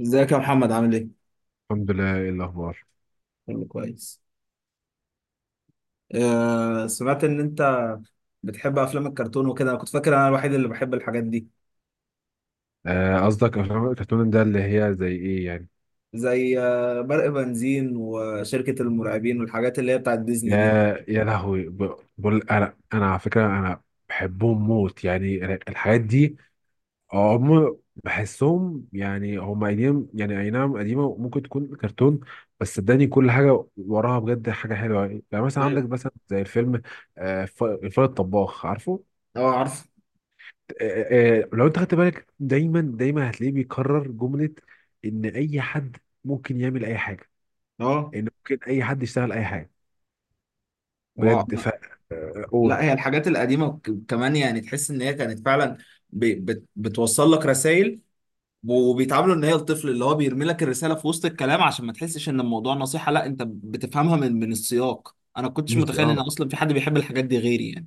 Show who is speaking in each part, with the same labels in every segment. Speaker 1: ازيك يا محمد، عامل ايه؟
Speaker 2: الحمد لله، ايه الاخبار؟
Speaker 1: كله كويس. سمعت ان انت بتحب افلام الكرتون وكده، انا كنت فاكر انا الوحيد اللي بحب الحاجات دي.
Speaker 2: قصدك افلام الكرتون ده اللي هي زي ايه يعني؟
Speaker 1: زي برق بنزين وشركة المرعبين والحاجات اللي هي بتاعت ديزني دي.
Speaker 2: يا يا لهوي، بقول انا على فكره، انا بحبهم موت يعني الحاجات دي. هم بحسهم يعني هم قديم، يعني اي نعم قديمه، ممكن تكون كرتون، بس صدقني كل حاجه وراها بجد حاجه حلوه. يعني يعني مثلا عندك
Speaker 1: ايوه.
Speaker 2: مثلا زي الفيلم الفار الطباخ، عارفه؟
Speaker 1: اه، عارف.
Speaker 2: لو انت خدت بالك دايما دايما هتلاقيه بيكرر جمله ان اي حد ممكن يعمل اي حاجه،
Speaker 1: اه،
Speaker 2: ان ممكن اي حد يشتغل اي حاجه
Speaker 1: و-
Speaker 2: بجد. ف
Speaker 1: لا،
Speaker 2: قول.
Speaker 1: هي الحاجات القديمة كمان، يعني تحس ان هي كانت فعلا بتوصل لك رسائل، وبيتعاملوا ان هي الطفل اللي هو بيرمي لك الرسالة في وسط الكلام، عشان ما تحسش ان الموضوع نصيحة. لا، انت بتفهمها من السياق. انا كنتش
Speaker 2: مش
Speaker 1: متخيل ان
Speaker 2: اه،
Speaker 1: اصلا في حد بيحب الحاجات دي غيري يعني.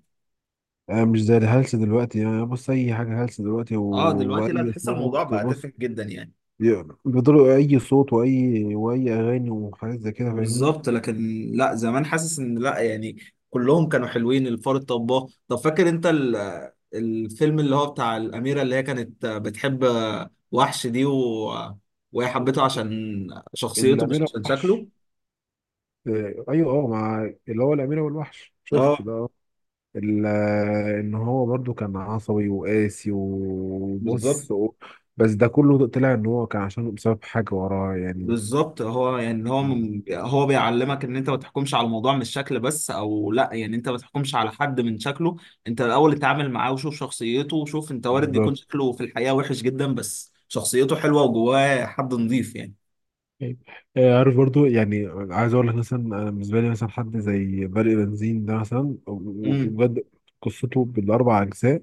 Speaker 2: مش زي الهلس دلوقتي. يعني بص اي حاجه هلس دلوقتي
Speaker 1: اه، دلوقتي لا،
Speaker 2: واي
Speaker 1: تحس الموضوع
Speaker 2: صوت،
Speaker 1: بقى
Speaker 2: بص،
Speaker 1: تافه جدا يعني.
Speaker 2: يعني بيضربوا اي صوت واي اغاني وحاجات زي كده، فاهمني؟
Speaker 1: بالظبط، لكن لا، زمان حاسس ان لا يعني، كلهم كانوا حلوين. الفار الطباخ. طب فاكر انت الفيلم اللي هو بتاع الأميرة اللي هي كانت بتحب وحش دي، وهي حبته عشان شخصيته مش
Speaker 2: الاميره
Speaker 1: عشان شكله.
Speaker 2: والوحش. ايوه، اه، مع اللي هو الاميره والوحش، شفت
Speaker 1: اه،
Speaker 2: ده. آه. ان هو برضو كان عصبي وقاسي
Speaker 1: بالظبط.
Speaker 2: وبص و... بس ده كله طلع ان هو كان عشان بسبب حاجه وراه يعني.
Speaker 1: بالظبط، هو يعني، هو من هو بيعلمك ان انت ما تحكمش على الموضوع من الشكل بس، او لا، يعني انت ما تحكمش على حد من شكله. انت الاول اتعامل معاه وشوف شخصيته، وشوف انت وارد يكون
Speaker 2: بالظبط.
Speaker 1: شكله في الحقيقة وحش جدا بس شخصيته حلوة وجواه حد نظيف يعني.
Speaker 2: طيب. عارف برضو؟ يعني عايز اقول لك مثلا، انا بالنسبه لي مثلا حد زي برق بنزين ده مثلا،
Speaker 1: امم.
Speaker 2: وبجد قصته بالاربع اجزاء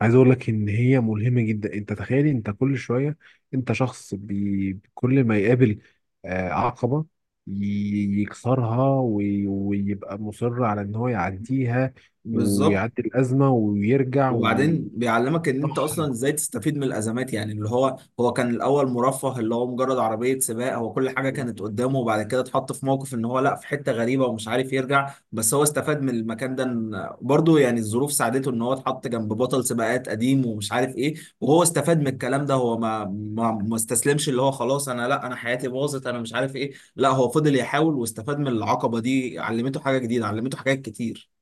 Speaker 2: عايز اقول لك ان هي ملهمه جدا. انت تخيلي، انت كل شويه انت شخص بي كل ما يقابل عقبه يكسرها ويبقى مصر على ان هو يعديها،
Speaker 1: بالظبط.
Speaker 2: ويعدي الازمه ويرجع
Speaker 1: وبعدين بيعلمك ان انت
Speaker 2: ويضحي.
Speaker 1: اصلا ازاي تستفيد من الازمات. يعني اللي هو كان الاول مرفه، اللي هو مجرد عربيه سباق، هو كل حاجه كانت قدامه. وبعد كده اتحط في موقف ان هو لا، في حته غريبه ومش عارف يرجع. بس هو استفاد من المكان ده، برضه يعني الظروف ساعدته ان هو اتحط جنب بطل سباقات قديم ومش عارف ايه. وهو استفاد من الكلام ده، هو ما استسلمش، اللي هو خلاص، انا لا، انا حياتي باظت، انا مش عارف ايه. لا، هو فضل يحاول واستفاد من العقبه دي، علمته حاجه جديده، علمته حاجات كتير.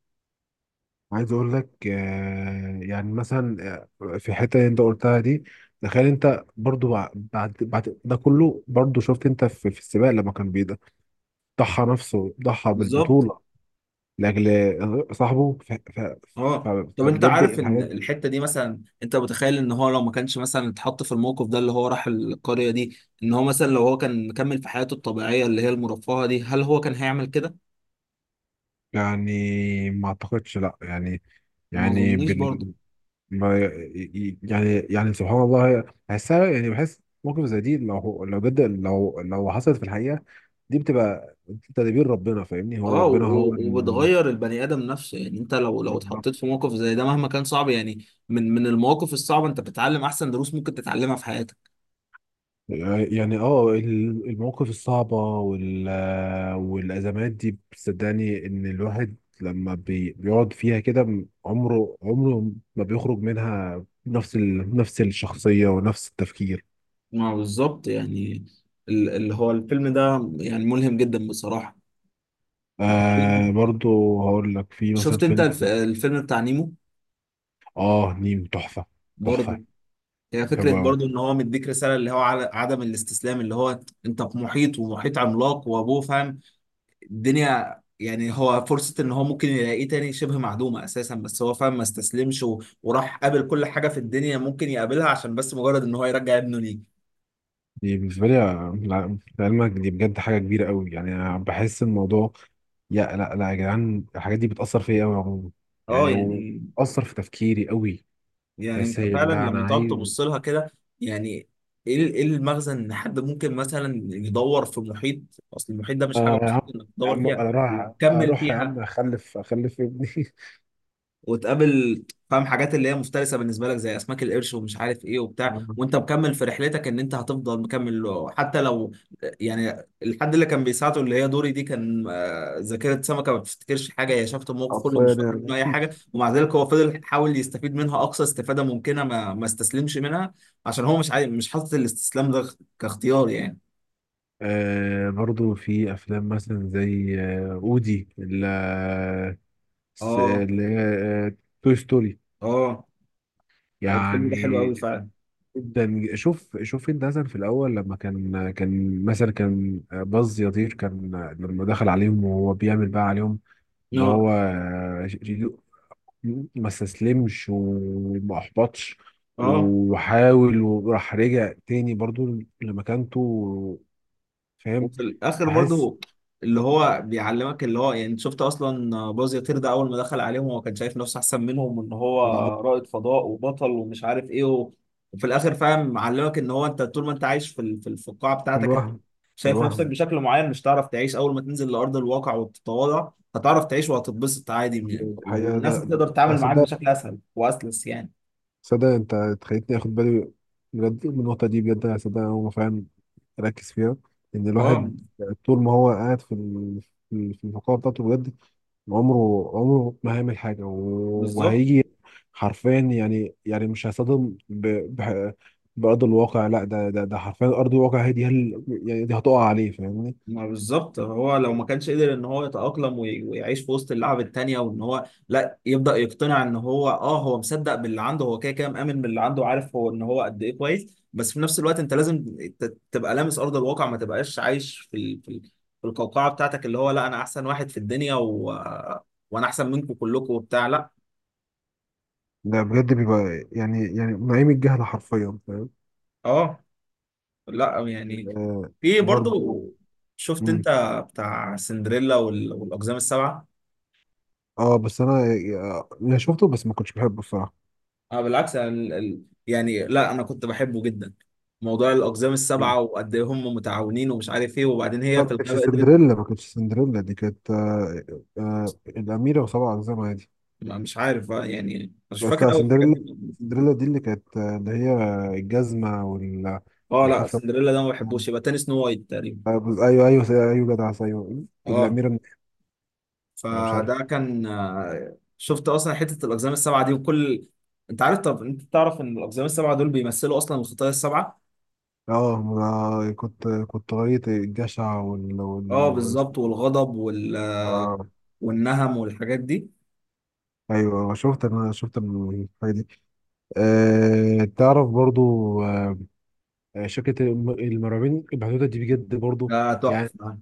Speaker 2: عايز اقول لك، يعني مثلا في الحته اللي انت قلتها دي، تخيل انت برضو بعد بعد ده كله، برضو شفت انت في, في السباق لما كان بيضحى، ضحى نفسه، ضحى
Speaker 1: بالظبط.
Speaker 2: بالبطوله لاجل صاحبه.
Speaker 1: اه، طب انت
Speaker 2: فبجد
Speaker 1: عارف ان
Speaker 2: الحاجات.
Speaker 1: الحته دي، مثلا انت متخيل ان هو لو ما كانش مثلا اتحط في الموقف ده، اللي هو راح القريه دي، ان هو مثلا لو هو كان مكمل في حياته الطبيعيه اللي هي المرفهه دي، هل هو كان هيعمل كده؟
Speaker 2: يعني ما اعتقدش لا يعني،
Speaker 1: ما
Speaker 2: يعني
Speaker 1: اظنيش برضه.
Speaker 2: بال ما ي- يعني يعني سبحان الله، بحسها. يعني بحس موقف زي دي لو هو- لو جد، لو لو حصلت في الحقيقة، دي بتبقى تدبير ربنا، فاهمني؟ هو
Speaker 1: اه،
Speaker 2: ربنا هو ال-
Speaker 1: وبتغير البني ادم نفسه. يعني انت لو
Speaker 2: بالظبط.
Speaker 1: اتحطيت في موقف زي ده مهما كان صعب، يعني من المواقف الصعبه، انت بتتعلم احسن دروس ممكن تتعلمها في حياتك.
Speaker 2: يعني اه، ال- المواقف الصعبة وال والأزمات دي، بتصدقني إن الواحد لما بيقعد فيها كده، عمره ما بيخرج منها نفس ال... نفس الشخصية ونفس التفكير.
Speaker 1: ما بالظبط يعني، اللي هو الفيلم ده يعني ملهم جدا بصراحه.
Speaker 2: آه برضو هقول لك، في مثلا
Speaker 1: شفت انت
Speaker 2: فيلم.
Speaker 1: الفيلم بتاع نيمو؟
Speaker 2: اه، نيم تحفه. تحفه.
Speaker 1: برضه، هي فكرة
Speaker 2: حلوه قوي.
Speaker 1: برضو ان هو مديك رسالة اللي هو على عدم الاستسلام. اللي هو انت في محيط، ومحيط عملاق، وابوه فاهم الدنيا، يعني هو فرصة ان هو ممكن يلاقيه تاني شبه معدومة اساسا. بس هو فاهم، ما استسلمش، وراح قابل كل حاجة في الدنيا ممكن يقابلها عشان بس مجرد ان هو يرجع ابنه ليه.
Speaker 2: دي بالنسبه لي، لا، لعلمك دي بجد حاجه كبيره قوي، يعني انا بحس الموضوع. يا، لا يا جدعان، الحاجات دي بتاثر فيا قوي عموما.
Speaker 1: اه،
Speaker 2: يعني
Speaker 1: يعني.
Speaker 2: واثر في تفكيري قوي.
Speaker 1: يعني
Speaker 2: بس
Speaker 1: انت
Speaker 2: هي
Speaker 1: فعلا
Speaker 2: لا، انا
Speaker 1: لما تقعد
Speaker 2: عايز.
Speaker 1: تبص لها كده، يعني، ايه ايه المغزى ان حد ممكن مثلا يدور في محيط؟ اصل المحيط ده مش حاجة
Speaker 2: يا
Speaker 1: بسيطة
Speaker 2: عم،
Speaker 1: انك
Speaker 2: يا
Speaker 1: تدور
Speaker 2: عم
Speaker 1: فيها
Speaker 2: انا رايح،
Speaker 1: وتكمل
Speaker 2: اروح يا عم
Speaker 1: فيها،
Speaker 2: اخلف، اخلف ابني.
Speaker 1: وتقابل، فاهم، حاجات اللي هي مفترسه بالنسبه لك زي اسماك القرش ومش عارف ايه وبتاع، وانت مكمل في رحلتك، ان انت هتفضل مكمل حتى لو، يعني الحد اللي كان بيساعده، اللي هي دوري دي، كان ذاكره سمكه ما بتفتكرش حاجه، هي شافت الموقف كله مش
Speaker 2: حرفيا
Speaker 1: فاكره
Speaker 2: يعني.
Speaker 1: منه اي حاجه، ومع ذلك هو فضل يحاول يستفيد منها اقصى استفاده ممكنه، ما استسلمش منها، عشان هو مش حاطط الاستسلام ده كاختيار يعني.
Speaker 2: آه برضو، في افلام مثلا زي آه اودي، اللي
Speaker 1: اه.
Speaker 2: اللي هي توي ستوري.
Speaker 1: اه، الفيلم ده حلو
Speaker 2: يعني
Speaker 1: قوي فعلا.
Speaker 2: جدا. شوف الدهزن في الاول، لما كان مثلا كان باز يطير، كان لما دخل عليهم وهو بيعمل بقى عليهم ان
Speaker 1: اه.
Speaker 2: هو ما استسلمش وما احبطش،
Speaker 1: اه.
Speaker 2: وحاول، وراح رجع تاني برضو لمكانته، فاهم؟
Speaker 1: وفي الاخر
Speaker 2: بحس،
Speaker 1: برضو اللي هو بيعلمك، اللي هو يعني، شفت اصلا باز يطير ده، اول ما دخل عليهم هو كان شايف نفسه احسن منهم، وان هو
Speaker 2: بالظبط.
Speaker 1: رائد فضاء وبطل ومش عارف ايه وفي الاخر، فاهم، معلمك ان هو انت طول ما انت عايش في القاعه
Speaker 2: في
Speaker 1: بتاعتك، انت
Speaker 2: الوهم، في
Speaker 1: شايف نفسك
Speaker 2: الوحم
Speaker 1: بشكل معين، مش هتعرف تعيش. اول ما تنزل لارض الواقع وتتواضع، هتعرف تعيش وهتتبسط عادي يعني،
Speaker 2: الحقيقة.
Speaker 1: والناس
Speaker 2: لا
Speaker 1: تقدر تتعامل
Speaker 2: بس،
Speaker 1: معاك بشكل اسهل واسلس يعني.
Speaker 2: صدق انت خليتني اخد بالي بجد من النقطه دي بجد. انا صدق هو فعلا ركز فيها ان
Speaker 1: اه.
Speaker 2: الواحد طول ما هو قاعد في في الفقاعه بتاعته، بجد عمره ما هيعمل حاجه،
Speaker 1: بالظبط.
Speaker 2: وهيجي حرفيا يعني. يعني مش هيصطدم ب... ب... بارض الواقع، لا ده حرفيا ارض الواقع هي دي. هل... يعني دي هتقع عليه، فاهمني؟
Speaker 1: ما بالظبط، هو لو ما كانش قدر ان هو يتأقلم ويعيش في وسط اللعب التانية، وان هو لا، يبدأ يقتنع ان هو مصدق باللي عنده. هو كده كده مآمن باللي عنده، عارف هو ان هو قد ايه كويس، بس في نفس الوقت انت لازم تبقى لامس ارض الواقع، ما تبقاش عايش في القوقعة بتاعتك، اللي هو لا، انا احسن واحد في الدنيا، وانا احسن منكم كلكم وبتاع، لا.
Speaker 2: ده بجد بيبقى يعني، يعني نعيم الجهل حرفيا، فاهم؟
Speaker 1: اه، لا يعني.
Speaker 2: آه
Speaker 1: في برضو،
Speaker 2: برضه.
Speaker 1: شفت انت بتاع سندريلا والاقزام السبعة؟
Speaker 2: اه بس انا، انا شفته بس ما كنتش بحبه الصراحه.
Speaker 1: اه، بالعكس، أنا يعني لا، انا كنت بحبه جدا. موضوع الاقزام
Speaker 2: جامد.
Speaker 1: السبعه، وقد ايه هم متعاونين ومش عارف ايه، وبعدين
Speaker 2: لا
Speaker 1: هي في
Speaker 2: ما كانتش
Speaker 1: الغابه قدرت.
Speaker 2: سندريلا، ما كانتش سندريلا، دي كانت آه، آه الاميره وسبع اقزام عادي.
Speaker 1: مش عارف، يعني مش
Speaker 2: بس
Speaker 1: فاكر
Speaker 2: لا،
Speaker 1: قوي الحاجات
Speaker 2: سندريلا،
Speaker 1: دي.
Speaker 2: سندريلا دي اللي كانت اللي هي الجزمه وال
Speaker 1: اه، لا،
Speaker 2: والحفله.
Speaker 1: سندريلا ده ما بحبوش، يبقى تاني سنو وايت تقريبا.
Speaker 2: ايوه ايوه، ايوه جدع، ايوه
Speaker 1: اه،
Speaker 2: الاميره من- انا مش عارف.
Speaker 1: فده كان، شفت اصلا حته الاقزام السبعه دي، وكل، انت عارف. طب انت تعرف ان الاقزام السبعه دول بيمثلوا اصلا الخطايا السبعه؟
Speaker 2: اه، ما كنت كنت قريت الجشع وال
Speaker 1: اه،
Speaker 2: وال وال-.
Speaker 1: بالظبط، والغضب
Speaker 2: اه
Speaker 1: والنهم والحاجات دي.
Speaker 2: ايوه، شفت، انا شفت الحاجه دي. آه تعرف برضو، آه، شركة المرعبين البحدودة دي بجد برضو.
Speaker 1: ده
Speaker 2: يعني.
Speaker 1: تحفه.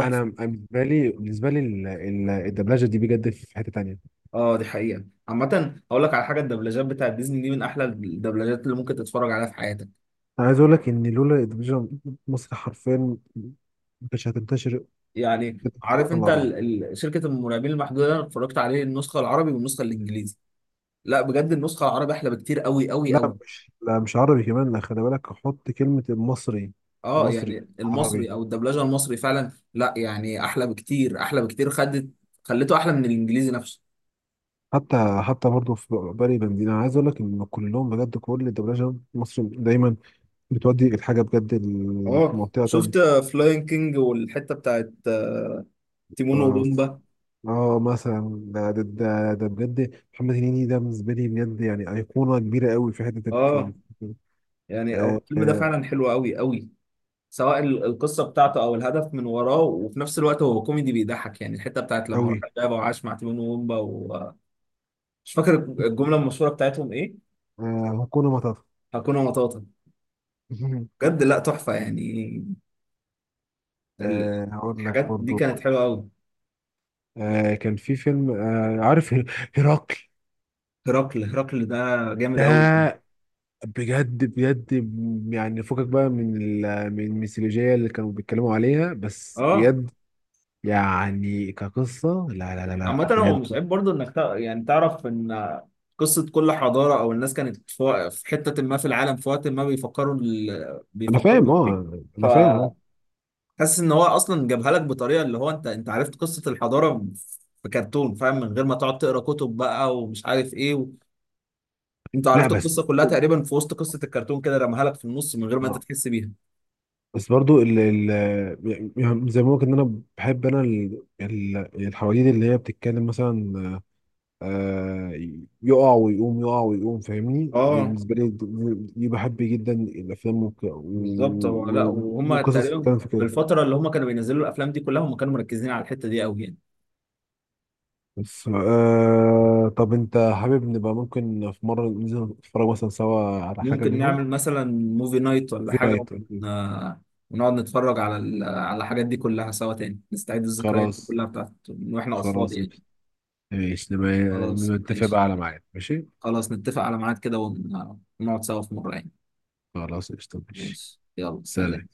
Speaker 2: أنا أنا بالنسبة لي، بالنسبة لي الدبلجة دي بجد في حتة تانية.
Speaker 1: اه، دي حقيقة عامة، هقول لك على حاجة، الدبلجات بتاعت ديزني دي من أحلى الدبلجات اللي ممكن تتفرج عليها في حياتك.
Speaker 2: أنا عايز أقول لك إن لولا الدبلجة مصر حرفيا ما كانتش هتنتشر
Speaker 1: يعني
Speaker 2: كده في
Speaker 1: عارف
Speaker 2: الوطن
Speaker 1: أنت،
Speaker 2: العربي.
Speaker 1: شركة المرعبين المحدودة ده، أنا اتفرجت عليه النسخة العربي والنسخة الإنجليزي، لا بجد النسخة العربي أحلى بكتير، قوي قوي قوي.
Speaker 2: لا مش، لا مش عربي كمان، لا خلي بالك، حط كلمة المصري.
Speaker 1: اه،
Speaker 2: مصري.
Speaker 1: يعني المصري،
Speaker 2: عربي.
Speaker 1: أو الدبلجة المصري فعلا، لا يعني أحلى بكتير، أحلى بكتير. خدت، خلته أحلى من الإنجليزي نفسه.
Speaker 2: حتى حتى برضه في بالي بنزين، انا عايز اقول لك ان كلهم بجد، كل الدبلجه المصري دايما بتودي الحاجه بجد
Speaker 1: اه،
Speaker 2: لمنطقه
Speaker 1: شفت
Speaker 2: تانية.
Speaker 1: فلاين كينج والحتة بتاعت تيمون
Speaker 2: آه،
Speaker 1: وبومبا؟
Speaker 2: اه مثلا ده بجد محمد هنيدي ده بالنسبه لي بجد، يعني ايقونه كبيره قوي في حته ال-.
Speaker 1: اه، يعني هو
Speaker 2: آه
Speaker 1: الفيلم ده
Speaker 2: آه.
Speaker 1: فعلا حلو قوي قوي، سواء القصه بتاعته او الهدف من وراه. وفي نفس الوقت هو كوميدي بيضحك يعني، الحته بتاعت لما
Speaker 2: قوي.
Speaker 1: راح الغابه وعاش مع تيمون وومبا. ومش فاكر الجمله المشهوره بتاعتهم ايه،
Speaker 2: آه هكون مطب.
Speaker 1: هكون مطاطا. بجد لا، تحفه يعني. ال-
Speaker 2: آه هقول لك
Speaker 1: الحاجات دي
Speaker 2: برضو،
Speaker 1: كانت حلوه قوي.
Speaker 2: آه كان في فيلم، آه عارف هرقل؟
Speaker 1: هرقل، هرقل ده جامد
Speaker 2: ده
Speaker 1: قوي.
Speaker 2: بجد بجد، يعني فكك بقى من من الميثولوجية اللي كانوا بيتكلموا عليها، بس
Speaker 1: اه،
Speaker 2: بجد يعني كقصة، لا لا لا لا
Speaker 1: عامه هو مش
Speaker 2: بجد.
Speaker 1: عيب برضه انك يعني تعرف ان قصة كل حضارة أو الناس كانت في حتة ما في العالم في وقت ما، بيفكروا
Speaker 2: انا
Speaker 1: بيفكروا
Speaker 2: فاهم،
Speaker 1: إزاي.
Speaker 2: اه انا فاهم اه.
Speaker 1: حاسس ان هو اصلا جابها لك بطريقه، اللي هو، انت عرفت قصه الحضاره في كرتون، فاهم، من غير ما تقعد تقرا كتب بقى ومش عارف ايه انت
Speaker 2: لا
Speaker 1: عرفت
Speaker 2: بس،
Speaker 1: القصه كلها تقريبا في وسط قصه الكرتون، كده رماها لك في النص من غير ما انت تحس بيها.
Speaker 2: بس برضو ال ال، يعني زي ما بقولك ان انا بحب انا الحواديت اللي هي بتتكلم مثلا آه، يقع ويقوم، يقع ويقوم، فاهمني؟ دي
Speaker 1: اه،
Speaker 2: بالنسبه لي، دي دي بحب جدا الافلام،
Speaker 1: بالظبط، هو لا وهم
Speaker 2: وقصص
Speaker 1: تقريبا
Speaker 2: بتتكلم في
Speaker 1: في
Speaker 2: كده.
Speaker 1: الفتره اللي هم كانوا بينزلوا الافلام دي كلها، هم كانوا مركزين على الحته دي قوي يعني.
Speaker 2: بس آه، طب انت حابب نبقى ممكن في مره ننزل نتفرج مثلا سوا على حاجه
Speaker 1: ممكن
Speaker 2: منهم؟
Speaker 1: نعمل مثلا موفي نايت ولا
Speaker 2: في
Speaker 1: حاجه،
Speaker 2: نايت
Speaker 1: ون...
Speaker 2: أكيد.
Speaker 1: آه، ونقعد نتفرج على على الحاجات دي كلها سوا تاني، نستعيد الذكريات دي
Speaker 2: خلاص.
Speaker 1: كلها بتاعت من واحنا اطفال
Speaker 2: خلاص
Speaker 1: يعني.
Speaker 2: قشطة. ماشي، نبقى
Speaker 1: خلاص،
Speaker 2: نبقى نتفق بقى
Speaker 1: ماشي.
Speaker 2: على ميعاد، ماشي؟
Speaker 1: خلاص، نتفق على ميعاد كده ونقعد سوا في مرة يعني.
Speaker 2: خلاص قشطة، ماشي.
Speaker 1: ماشي، يلا سلام.
Speaker 2: سلام.